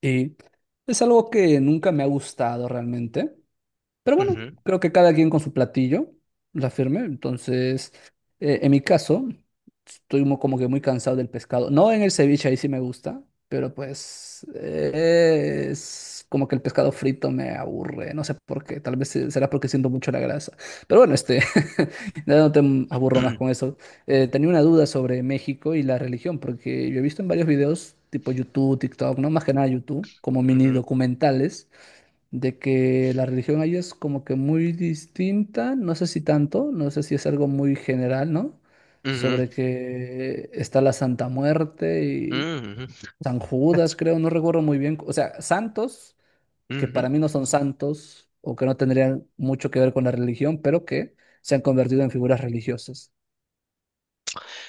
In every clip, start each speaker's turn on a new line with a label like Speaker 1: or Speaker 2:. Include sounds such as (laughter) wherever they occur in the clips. Speaker 1: Y es algo que nunca me ha gustado realmente. Pero bueno,
Speaker 2: Ujú,
Speaker 1: creo que cada quien con su platillo, la firme. Entonces, en mi caso, estoy como que muy cansado del pescado. No en el ceviche, ahí sí me gusta, pero pues es como que el pescado frito me aburre. No sé por qué, tal vez será porque siento mucho la grasa. Pero bueno, (laughs) ya no te aburro más con
Speaker 2: (clears throat)
Speaker 1: eso. Tenía una duda sobre México y la religión, porque yo he visto en varios videos, tipo YouTube, TikTok, no más que nada YouTube, como mini
Speaker 2: ujú,
Speaker 1: documentales de que la religión ahí es como que muy distinta, no sé si tanto, no sé si es algo muy general, ¿no?
Speaker 2: ujú,
Speaker 1: Sobre que está la Santa Muerte y
Speaker 2: ujú,
Speaker 1: San Judas, creo, no recuerdo muy bien, o sea, santos que
Speaker 2: ujú.
Speaker 1: para mí no son santos o que no tendrían mucho que ver con la religión, pero que se han convertido en figuras religiosas.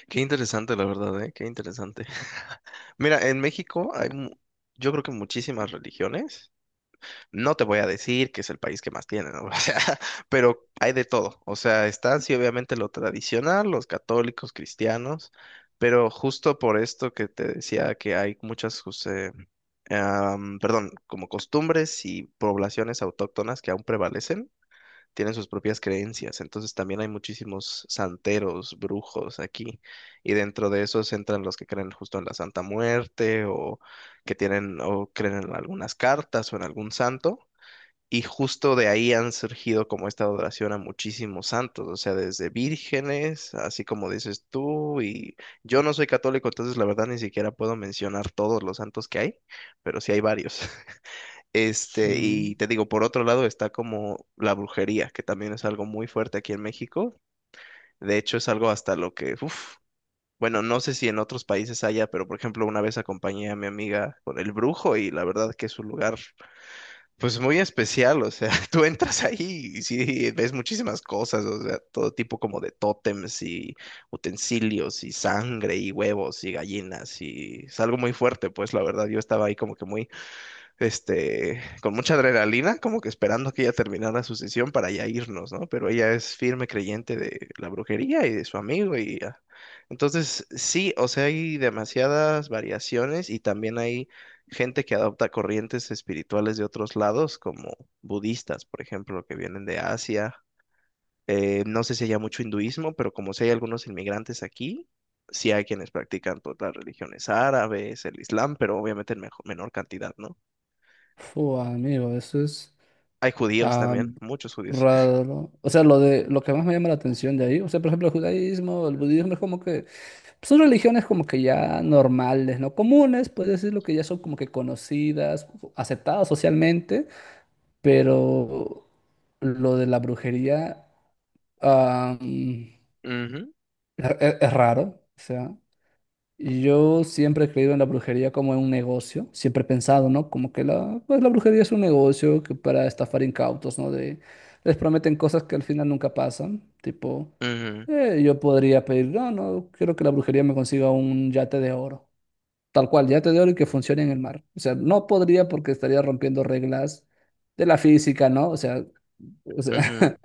Speaker 2: Qué interesante, la verdad, ¿eh? Qué interesante. (laughs) Mira, en México hay, yo creo que muchísimas religiones. No te voy a decir que es el país que más tiene, ¿no? (laughs) O sea, pero hay de todo. O sea, están sí, obviamente lo tradicional, los católicos, cristianos, pero justo por esto que te decía que hay muchas, pues, perdón, como costumbres y poblaciones autóctonas que aún prevalecen tienen sus propias creencias. Entonces también hay muchísimos santeros, brujos aquí. Y dentro de esos entran los que creen justo en la Santa Muerte o que tienen o creen en algunas cartas o en algún santo. Y justo de ahí han surgido como esta adoración a muchísimos santos, o sea, desde vírgenes, así como dices tú, y yo no soy católico, entonces la verdad ni siquiera puedo mencionar todos los santos que hay, pero sí hay varios. Este,
Speaker 1: Mm.
Speaker 2: y te digo, por otro lado está como la brujería, que también es algo muy fuerte aquí en México. De hecho, es algo hasta lo que, uf, bueno, no sé si en otros países haya, pero por ejemplo, una vez acompañé a mi amiga con el brujo y la verdad que es un lugar, pues muy especial, o sea, (laughs) tú entras ahí y sí, ves muchísimas cosas, o sea, todo tipo como de tótems y utensilios y sangre y huevos y gallinas y es algo muy fuerte, pues la verdad yo estaba ahí como que muy este, con mucha adrenalina, como que esperando que ella terminara su sesión para ya irnos, ¿no? Pero ella es firme creyente de la brujería y de su amigo y ya. Entonces, sí, o sea, hay demasiadas variaciones y también hay gente que adopta corrientes espirituales de otros lados, como budistas, por ejemplo, que vienen de Asia. No sé si haya mucho hinduismo, pero como si hay algunos inmigrantes aquí, sí hay quienes practican todas las religiones árabes, el islam, pero obviamente en menor cantidad, ¿no?
Speaker 1: Fu, amigo, eso es
Speaker 2: Hay judíos
Speaker 1: ah,
Speaker 2: también, muchos judíos.
Speaker 1: raro. O sea, lo de lo que más me llama la atención de ahí, o sea, por ejemplo, el judaísmo, el budismo es como que son religiones como que ya normales, no comunes, puedes decirlo que ya son como que conocidas, aceptadas socialmente, pero lo de la brujería ah, mm,
Speaker 2: Ujú,
Speaker 1: es, raro. O sea, yo siempre he creído en la brujería como en un negocio, siempre he pensado, ¿no? Como que la, pues la brujería es un negocio que para estafar incautos, ¿no? De, les prometen cosas que al final nunca pasan, tipo,
Speaker 2: ujú,
Speaker 1: yo podría pedir, no, no, quiero que la brujería me consiga un yate de oro. Tal cual, ya te digo que funcione en el mar. O sea, no podría porque estaría rompiendo reglas de la física, ¿no? O sea,
Speaker 2: ujú,
Speaker 1: (laughs)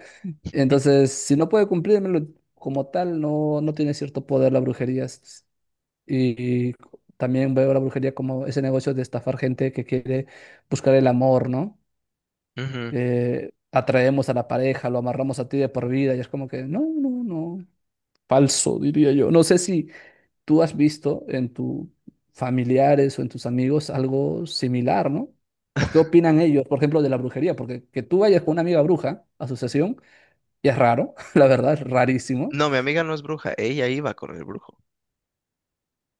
Speaker 2: (laughs)
Speaker 1: entonces, si no puede cumplírmelo como tal, no, no tiene cierto poder la brujería. S- Y también veo la brujería como ese negocio de estafar gente que quiere buscar el amor, ¿no?
Speaker 2: ujú.
Speaker 1: Atraemos a la pareja, lo amarramos a ti de por vida y es como que, no, no, no, falso, diría yo. No sé si tú has visto en tus familiares o en tus amigos algo similar, ¿no? ¿O qué opinan ellos, por ejemplo, de la brujería? Porque que tú vayas con una amiga bruja a su sesión y es raro, (laughs) la verdad, es rarísimo,
Speaker 2: No, mi amiga no es bruja, ella iba con el brujo.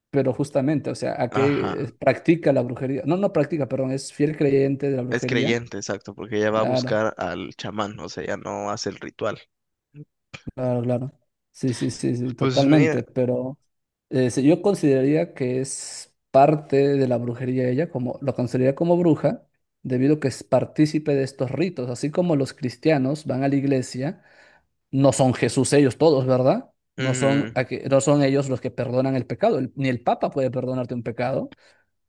Speaker 1: pero justamente, o sea, a
Speaker 2: Ajá,
Speaker 1: qué practica la brujería, no, no practica, perdón, es fiel creyente de la
Speaker 2: es
Speaker 1: brujería,
Speaker 2: creyente, exacto, porque ella va a
Speaker 1: claro.
Speaker 2: buscar al chamán, o sea, ella no hace el ritual.
Speaker 1: Claro, claro. Sí, sí, sí, sí,
Speaker 2: Pues mira,
Speaker 1: totalmente. Pero sí, yo consideraría que es parte de la brujería ella, como lo consideraría como bruja, debido a que es partícipe de estos ritos. Así como los cristianos van a la iglesia, no son Jesús ellos todos, ¿verdad? No son,
Speaker 2: ujú,
Speaker 1: no son ellos los que perdonan el pecado. Ni el Papa puede perdonarte un pecado.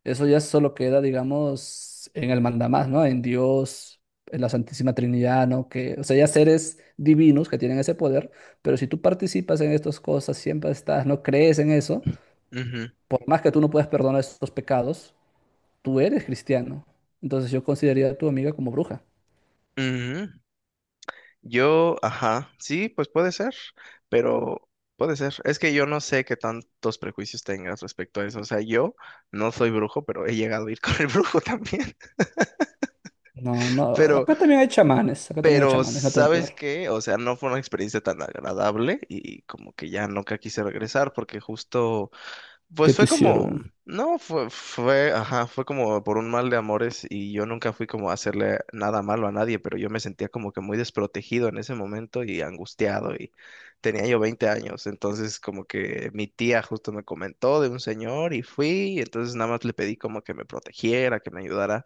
Speaker 1: Eso ya solo queda, digamos, en el mandamás, ¿no? En Dios, en la Santísima Trinidad, ¿no? Que, o sea, ya seres divinos que tienen ese poder, pero si tú participas en estas cosas, siempre estás, no crees en eso,
Speaker 2: ujú,
Speaker 1: por más que tú no puedas perdonar estos pecados, tú eres cristiano. Entonces yo consideraría a tu amiga como bruja.
Speaker 2: ujú. Yo, ajá, sí, pues puede ser, pero puede ser. Es que yo no sé qué tantos prejuicios tengas respecto a eso. O sea, yo no soy brujo, pero he llegado a ir con el brujo también. (laughs)
Speaker 1: No, no,
Speaker 2: Pero
Speaker 1: acá también hay chamanes,
Speaker 2: Pero,
Speaker 1: no te van a
Speaker 2: ¿sabes
Speaker 1: ayudar.
Speaker 2: qué? O sea, no fue una experiencia tan agradable y como que ya nunca quise regresar porque justo
Speaker 1: ¿Qué
Speaker 2: pues
Speaker 1: te
Speaker 2: fue como,
Speaker 1: hicieron?
Speaker 2: no, ajá, fue como por un mal de amores y yo nunca fui como a hacerle nada malo a nadie, pero yo me sentía como que muy desprotegido en ese momento y angustiado y tenía yo 20 años, entonces como que mi tía justo me comentó de un señor y fui, y entonces nada más le pedí como que me protegiera, que me ayudara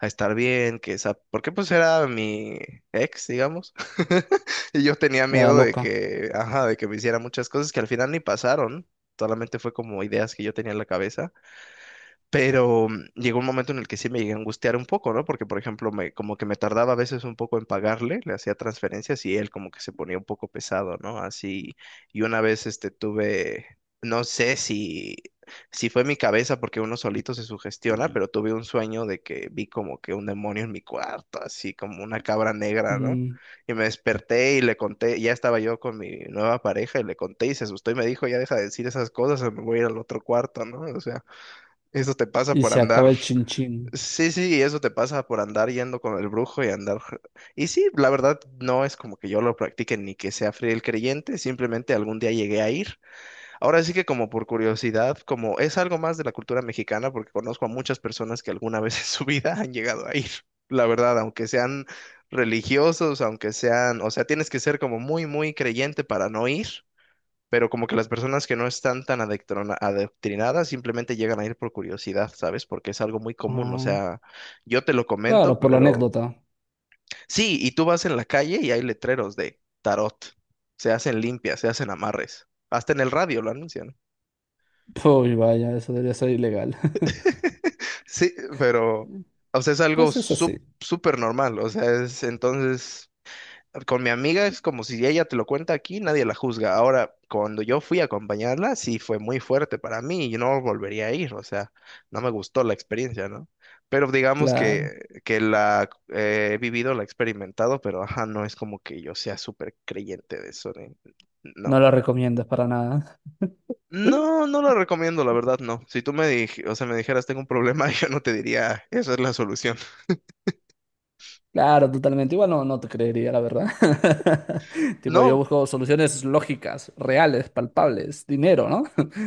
Speaker 2: a estar bien, que esa, porque pues era mi ex, digamos, (laughs) y yo tenía
Speaker 1: Era
Speaker 2: miedo de
Speaker 1: loca.
Speaker 2: que, ajá, de que me hiciera muchas cosas que al final ni pasaron. Solamente fue como ideas que yo tenía en la cabeza. Pero llegó un momento en el que sí me llegué a angustiar un poco, ¿no? Porque, por ejemplo, como que me tardaba a veces un poco en pagarle, le hacía transferencias y él como que se ponía un poco pesado, ¿no? Así, y una vez este tuve, no sé si, si fue mi cabeza porque uno solito se sugestiona, pero tuve un sueño de que vi como que un demonio en mi cuarto, así como una cabra negra, ¿no?
Speaker 1: Mm,
Speaker 2: Y me desperté y le conté, ya estaba yo con mi nueva pareja y le conté y se asustó y me dijo, ya deja de decir esas cosas o me voy a ir al otro cuarto, ¿no? O sea. Eso te pasa
Speaker 1: y
Speaker 2: por
Speaker 1: se acaba
Speaker 2: andar.
Speaker 1: el chinchín.
Speaker 2: Sí, sí, eso te pasa por andar yendo con el brujo y andar. Y sí, la verdad no es como que yo lo practique ni que sea fiel creyente, simplemente algún día llegué a ir. Ahora sí que como por curiosidad, como es algo más de la cultura mexicana, porque conozco a muchas personas que alguna vez (laughs) en su vida han llegado a ir. La verdad, aunque sean religiosos, aunque sean, o sea, tienes que ser como muy, muy creyente para no ir pero como que las personas que no están tan adoctrinadas simplemente llegan a ir por curiosidad, ¿sabes? Porque es algo muy común, o
Speaker 1: Ah,
Speaker 2: sea, yo te lo comento,
Speaker 1: claro, por la
Speaker 2: pero
Speaker 1: anécdota.
Speaker 2: sí, y tú vas en la calle y hay letreros de tarot, se hacen limpias, se hacen amarres, hasta en el radio lo anuncian.
Speaker 1: (laughs) Uy, vaya, eso debería ser ilegal. (laughs)
Speaker 2: (laughs) Sí, pero, o sea, es algo
Speaker 1: Pues es así,
Speaker 2: súper normal, o sea, es entonces... con mi amiga es como si ella te lo cuenta aquí, nadie la juzga. Ahora, cuando yo fui a acompañarla, sí fue muy fuerte para mí y no volvería a ir, o sea, no me gustó la experiencia, ¿no? Pero digamos
Speaker 1: claro.
Speaker 2: que la he vivido, la he experimentado, pero ajá, no es como que yo sea súper creyente de eso,
Speaker 1: No
Speaker 2: no.
Speaker 1: lo recomiendas para nada.
Speaker 2: No, no lo recomiendo, la verdad, no. Si tú o sea, me dijeras tengo un problema, (laughs) yo no te diría, esa es la solución.
Speaker 1: Claro, totalmente. Igual no, no te creería, la verdad. (laughs) Tipo, yo
Speaker 2: No,
Speaker 1: busco soluciones lógicas, reales, palpables, dinero, ¿no? (laughs)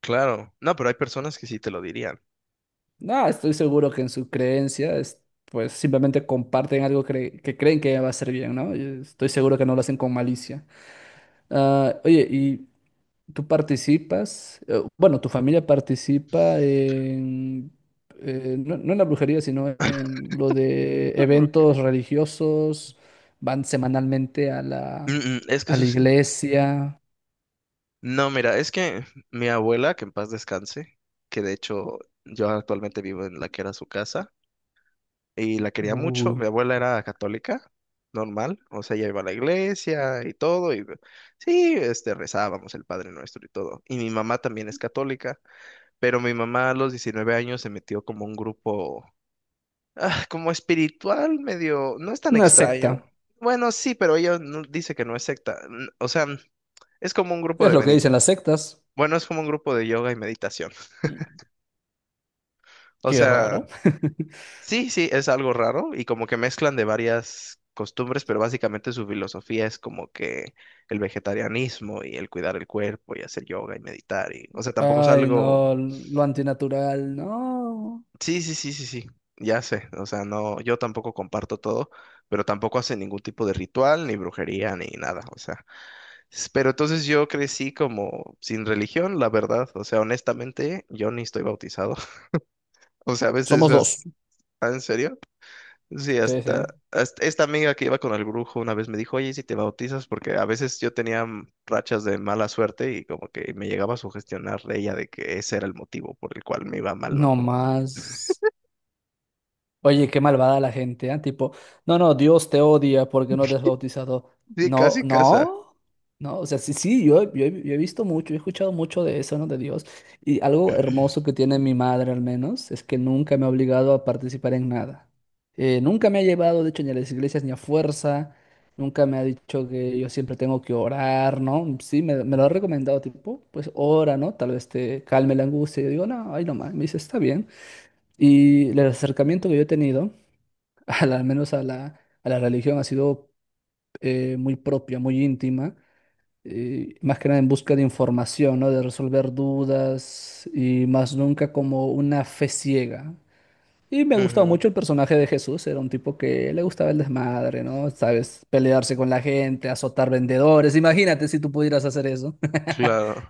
Speaker 2: claro. No, pero hay personas que sí te lo dirían.
Speaker 1: No, estoy seguro que en su creencia, pues simplemente comparten algo que creen que va a ser bien, ¿no? Y estoy seguro que no lo hacen con malicia. Ah, oye, ¿tú participas? Bueno, ¿tu familia participa en, no, no en la brujería, sino en lo de
Speaker 2: Claro,
Speaker 1: eventos
Speaker 2: Eugenio.
Speaker 1: religiosos? ¿Van semanalmente
Speaker 2: Mm, mm, es que
Speaker 1: a
Speaker 2: eso
Speaker 1: la
Speaker 2: es
Speaker 1: iglesia?
Speaker 2: No, mira, es que mi abuela, que en paz descanse, que de hecho yo actualmente vivo en la que era su casa y la quería
Speaker 1: Uy,
Speaker 2: mucho. Mi abuela era católica, normal, o sea, ella iba a la iglesia y todo, y sí, este, rezábamos el Padre Nuestro y todo. Y mi mamá también es católica, pero mi mamá a los 19 años se metió como un grupo, ah, como espiritual, medio, no es tan
Speaker 1: una
Speaker 2: extraño.
Speaker 1: secta.
Speaker 2: Bueno, sí, pero ella dice que no es secta, o sea, es como un grupo
Speaker 1: Es
Speaker 2: de
Speaker 1: lo que dicen las sectas.
Speaker 2: bueno, es como un grupo de yoga y meditación. (laughs)
Speaker 1: Mm,
Speaker 2: O
Speaker 1: qué
Speaker 2: sea,
Speaker 1: raro. (laughs)
Speaker 2: sí, sí, es algo raro y como que mezclan de varias costumbres, pero básicamente su filosofía es como que el vegetarianismo y el cuidar el cuerpo y hacer yoga y meditar y, o sea, tampoco es
Speaker 1: Ay,
Speaker 2: algo...
Speaker 1: no, lo antinatural, no.
Speaker 2: Sí, sí, sí, sí, sí, ya sé. O sea, no, yo tampoco comparto todo, pero tampoco hace ningún tipo de ritual, ni brujería, ni nada. O sea, pero entonces yo crecí como sin religión, la verdad. O sea, honestamente, yo ni estoy bautizado. (laughs) O sea, a veces
Speaker 1: Somos dos.
Speaker 2: ah, ¿en serio? Sí,
Speaker 1: Sí, sí.
Speaker 2: hasta, hasta esta amiga que iba con el brujo una vez me dijo, oye, ¿y si te bautizas? Porque a veces yo tenía rachas de mala suerte y como que me llegaba a sugestionar ella de que ese era el motivo por el cual me iba mal, ¿no?
Speaker 1: No
Speaker 2: Como,
Speaker 1: más. Oye, qué malvada la gente, ¿ah? Tipo, no, no, Dios te odia porque no te has bautizado.
Speaker 2: sí,
Speaker 1: No,
Speaker 2: casi casa.
Speaker 1: no, no, o sea, sí, sí, yo he visto mucho, he escuchado mucho de eso, ¿no? De Dios. Y algo hermoso que tiene mi madre, al menos, es que nunca me ha obligado a participar en nada. Nunca me ha llevado, de hecho, ni a las iglesias ni a fuerza. Nunca me ha dicho que yo siempre tengo que orar, ¿no? Sí, me lo ha recomendado, tipo, pues ora, ¿no? Tal vez te calme la angustia. Yo digo, no, ay, no más. Me dice, está bien. Y el acercamiento que yo he tenido (laughs) al menos a a la religión, ha sido muy propia, muy íntima, más que nada en busca de información, ¿no? De resolver dudas y más nunca como una fe ciega. Y me gustaba
Speaker 2: Ujú,
Speaker 1: mucho el personaje de Jesús, era un tipo que le gustaba el desmadre, ¿no? Sabes, pelearse con la gente, azotar vendedores, imagínate si tú pudieras hacer eso. (laughs)
Speaker 2: claro.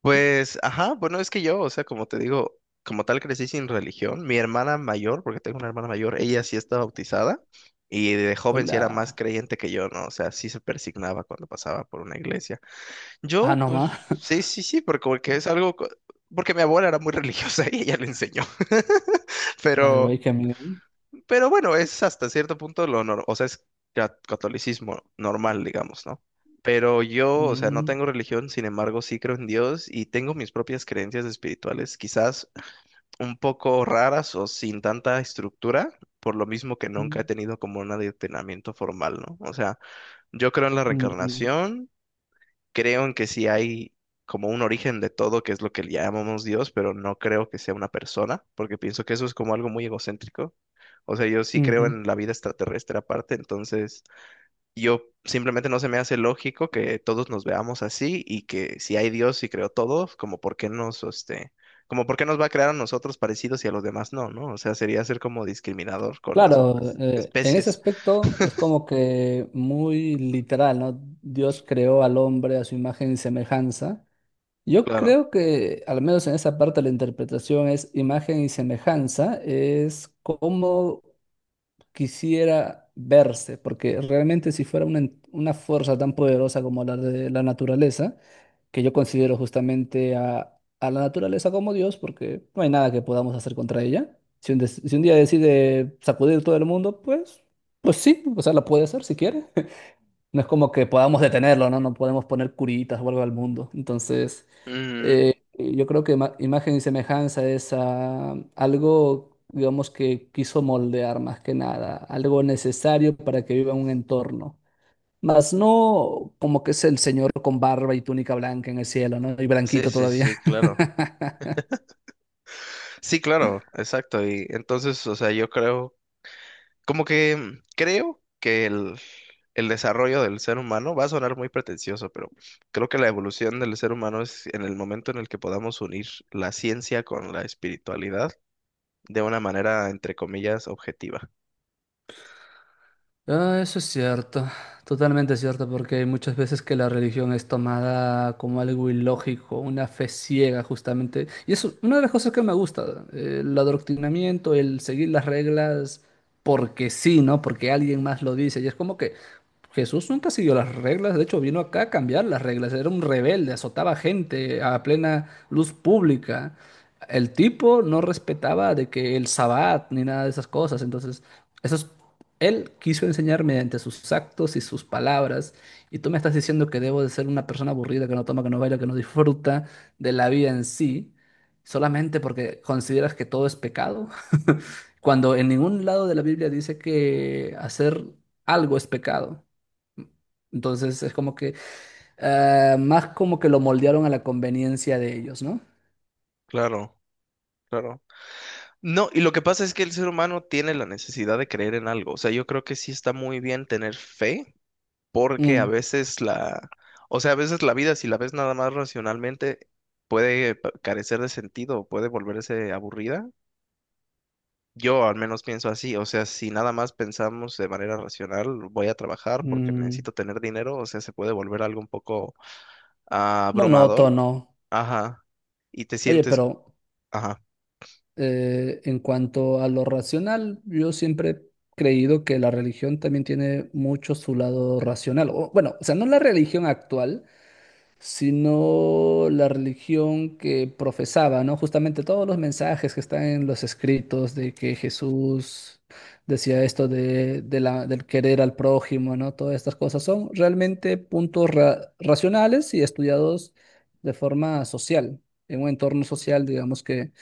Speaker 2: Pues, ajá, bueno, es que yo, o sea, como te digo, como tal crecí sin religión. Mi hermana mayor, porque tengo una hermana mayor, ella sí está bautizada y de joven sí era más
Speaker 1: Hola.
Speaker 2: creyente que yo, ¿no? O sea, sí se persignaba cuando pasaba por una iglesia.
Speaker 1: Ah,
Speaker 2: Yo,
Speaker 1: no
Speaker 2: pues,
Speaker 1: más.
Speaker 2: sí, sí, sí, porque, porque es algo, porque mi abuela era muy (laughs) religiosa y ella le enseñó. (laughs)
Speaker 1: Ay, güey,
Speaker 2: Pero,
Speaker 1: qué miedo.
Speaker 2: pero bueno, es hasta cierto punto lo normal, o sea, es catolicismo normal, digamos, ¿no? Pero yo, o sea, no
Speaker 1: Mm,
Speaker 2: tengo religión, sin embargo, sí creo en Dios y tengo mis propias creencias espirituales, quizás un poco raras o sin tanta estructura, por lo mismo que nunca he
Speaker 1: mm,
Speaker 2: tenido como un adoctrinamiento formal, ¿no? O sea, yo creo en la
Speaker 1: mm,
Speaker 2: reencarnación, creo en que sí hay como un origen de todo, que es lo que le llamamos Dios, pero no creo que sea una persona, porque pienso que eso es como algo muy egocéntrico. O sea, yo sí
Speaker 1: mm,
Speaker 2: creo
Speaker 1: ujú.
Speaker 2: en la vida extraterrestre aparte, entonces yo simplemente no se me hace lógico que todos nos veamos así y que si hay Dios y creó todos como por qué nos, este, como por qué nos va a crear a nosotros parecidos y a los demás no, ¿no? O sea, sería ser como discriminador con las
Speaker 1: Claro,
Speaker 2: otras
Speaker 1: en ese
Speaker 2: especies.
Speaker 1: aspecto es como que muy literal, ¿no? Dios creó al hombre a su imagen y semejanza. Yo
Speaker 2: Claro.
Speaker 1: creo que, al menos en esa parte, la interpretación es imagen y semejanza, es como quisiera verse, porque realmente si fuera una fuerza tan poderosa como la de la naturaleza, que yo considero justamente a la naturaleza como Dios, porque no hay nada que podamos hacer contra ella. Si si un día decide sacudir todo el mundo, pues, pues sí, o sea, la puede hacer si quiere. (laughs) No es como que podamos detenerlo, ¿no? No podemos poner curitas o algo al mundo. Entonces,
Speaker 2: Ujú.
Speaker 1: yo creo que imagen y semejanza es algo, digamos, que quiso moldear más que nada, algo necesario para que viva en un entorno. Mas no como que es el Señor con barba y túnica blanca en el cielo, ¿no? Y
Speaker 2: Sí,
Speaker 1: blanquito
Speaker 2: sí,
Speaker 1: todavía.
Speaker 2: sí, claro. Sí, claro, exacto. Y entonces, o sea, yo creo, como que creo que el desarrollo del ser humano va a sonar muy pretencioso, pero creo que la evolución del ser humano es en el momento en el que podamos unir la ciencia con la espiritualidad de una manera, entre comillas, objetiva.
Speaker 1: Ah, eso es cierto, totalmente cierto, porque hay muchas veces que la religión es tomada como algo ilógico, una fe ciega justamente. Y es una de las cosas que me gusta, el adoctrinamiento, el seguir las reglas porque sí, ¿no? Porque alguien más lo dice. Y es como que Jesús nunca siguió las reglas, de hecho vino acá a cambiar las reglas, era un rebelde, azotaba gente a plena luz pública. El tipo no respetaba de que el sabbat ni nada de esas cosas, entonces... Eso es él quiso enseñar mediante sus actos y sus palabras, y tú me estás diciendo que debo de ser una persona aburrida, que no toma, que no baila, que no disfruta de la vida en sí, solamente porque consideras que todo es pecado, (laughs) cuando en ningún lado de la Biblia dice que hacer algo es pecado. Entonces es como que más como que lo moldearon a la conveniencia de ellos, ¿no?
Speaker 2: Claro, claro. No, y lo que pasa es que el ser humano tiene la necesidad de creer en algo. O sea, yo creo que sí está muy bien tener fe porque
Speaker 1: Mm,
Speaker 2: o sea, a veces la vida, si la ves nada más racionalmente, puede carecer de sentido, puede volverse aburrida. Yo al menos pienso así, o sea, si nada más pensamos de manera racional, voy a trabajar porque
Speaker 1: mm,
Speaker 2: necesito tener dinero, o sea, se puede volver algo un poco abrumador,
Speaker 1: monótono.
Speaker 2: ajá, y te
Speaker 1: Oye,
Speaker 2: sientes,
Speaker 1: pero
Speaker 2: ajá,
Speaker 1: En cuanto a lo racional, yo siempre he creído que la religión también tiene mucho su lado racional. O, bueno, o sea, no la religión actual, sino la religión que profesaba, ¿no? Justamente todos los mensajes que están en los escritos de que Jesús decía esto de del querer al prójimo, ¿no? Todas estas cosas son realmente puntos racionales y estudiados de forma social, en un entorno social, digamos que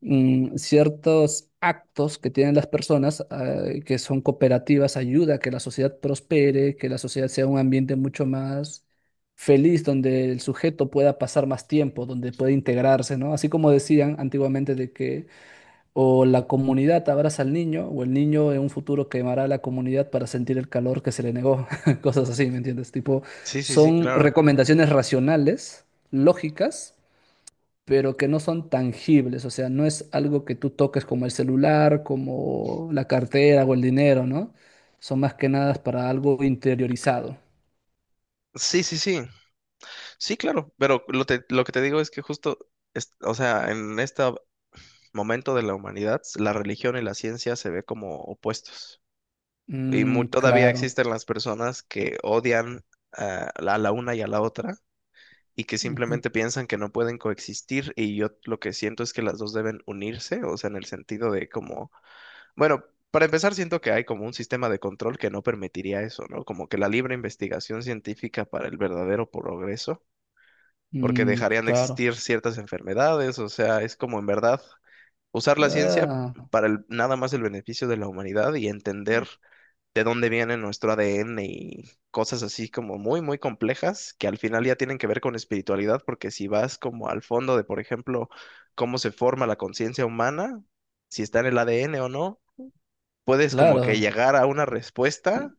Speaker 1: mm, ciertos actos que tienen las personas, que son cooperativas, ayuda a que la sociedad prospere, que la sociedad sea un ambiente mucho más feliz, donde el sujeto pueda pasar más tiempo, donde pueda integrarse, ¿no? Así como decían antiguamente de que o la comunidad abraza al niño, o el niño en un futuro quemará a la comunidad para sentir el calor que se le negó, (laughs) cosas así, ¿me entiendes? Tipo,
Speaker 2: sí, sí, sí,
Speaker 1: son
Speaker 2: claro.
Speaker 1: recomendaciones racionales, lógicas pero que no son tangibles, o sea, no es algo que tú toques como el celular, como la cartera o el dinero, ¿no? Son más que nada para algo interiorizado.
Speaker 2: Sí, sí, sí, sí, claro, pero lo que te digo es que justo, o sea, en esta momento de la humanidad, la religión y la ciencia se ve como opuestos. Y
Speaker 1: Mm,
Speaker 2: todavía
Speaker 1: claro.
Speaker 2: existen las personas que odian a la una y a la otra y que
Speaker 1: Ujú.
Speaker 2: simplemente piensan que no pueden coexistir. Y yo lo que siento es que las dos deben unirse, o sea, en el sentido de como, bueno, para empezar, siento que hay como un sistema de control que no permitiría eso, ¿no? Como que la libre investigación científica para el verdadero progreso, porque
Speaker 1: Mm,
Speaker 2: dejarían de
Speaker 1: claro.
Speaker 2: existir ciertas enfermedades, o sea, es como en verdad usar la ciencia
Speaker 1: Ah,
Speaker 2: para nada más el beneficio de la humanidad y entender de dónde viene nuestro ADN y cosas así como muy, muy complejas que al final ya tienen que ver con espiritualidad, porque si vas como al fondo de, por ejemplo, cómo se forma la conciencia humana, si está en el ADN o no, puedes como que
Speaker 1: claro.
Speaker 2: llegar a una respuesta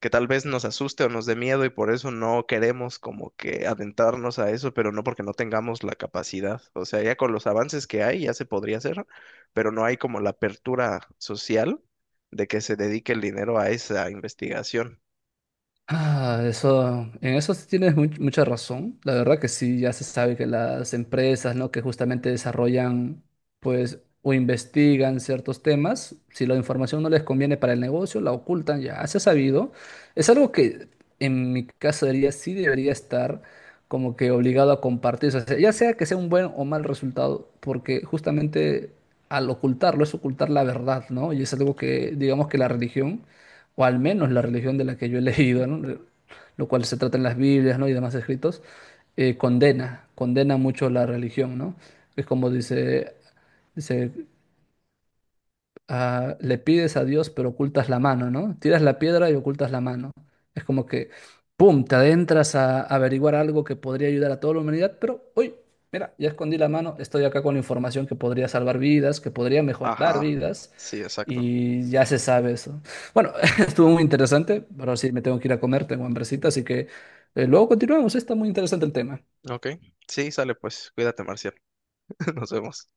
Speaker 2: que tal vez nos asuste o nos dé miedo y por eso no queremos como que adentrarnos a eso, pero no porque no tengamos la capacidad. O sea, ya con los avances que hay ya se podría hacer, pero no hay como la apertura social de que se dedique el dinero a esa investigación.
Speaker 1: Ah, eso, en eso sí tienes mucha razón. La verdad que sí, ya se sabe que las empresas, ¿no? Que justamente desarrollan, pues, o investigan ciertos temas, si la información no les conviene para el negocio, la ocultan, ya se ha sabido. Es algo que en mi caso diría, sí debería estar como que obligado a compartir, o sea, ya sea que sea un buen o mal resultado, porque justamente al ocultarlo es ocultar la verdad, ¿no? Y es algo que, digamos que la religión o al menos la religión de la que yo he (laughs) leído, ¿no? Lo cual se trata en las Biblias, ¿no? Y demás escritos, condena mucho la religión, ¿no? Es como dice, le pides a Dios pero ocultas la mano, ¿no? Tiras la piedra y ocultas la mano. Es como que, ¡pum!, te adentras a averiguar algo que podría ayudar a toda la humanidad, pero, uy, mira, ya escondí la mano, estoy acá con información que podría salvar vidas, que podría mejorar
Speaker 2: Ajá,
Speaker 1: vidas
Speaker 2: sí, exacto.
Speaker 1: y ya se sabe eso. Bueno, (laughs) estuvo muy interesante, pero sí me tengo que ir a comer, tengo hambrecita, así que luego continuamos, está muy interesante el tema.
Speaker 2: Ok, sí, sale pues, cuídate, Marcial, (laughs) nos vemos.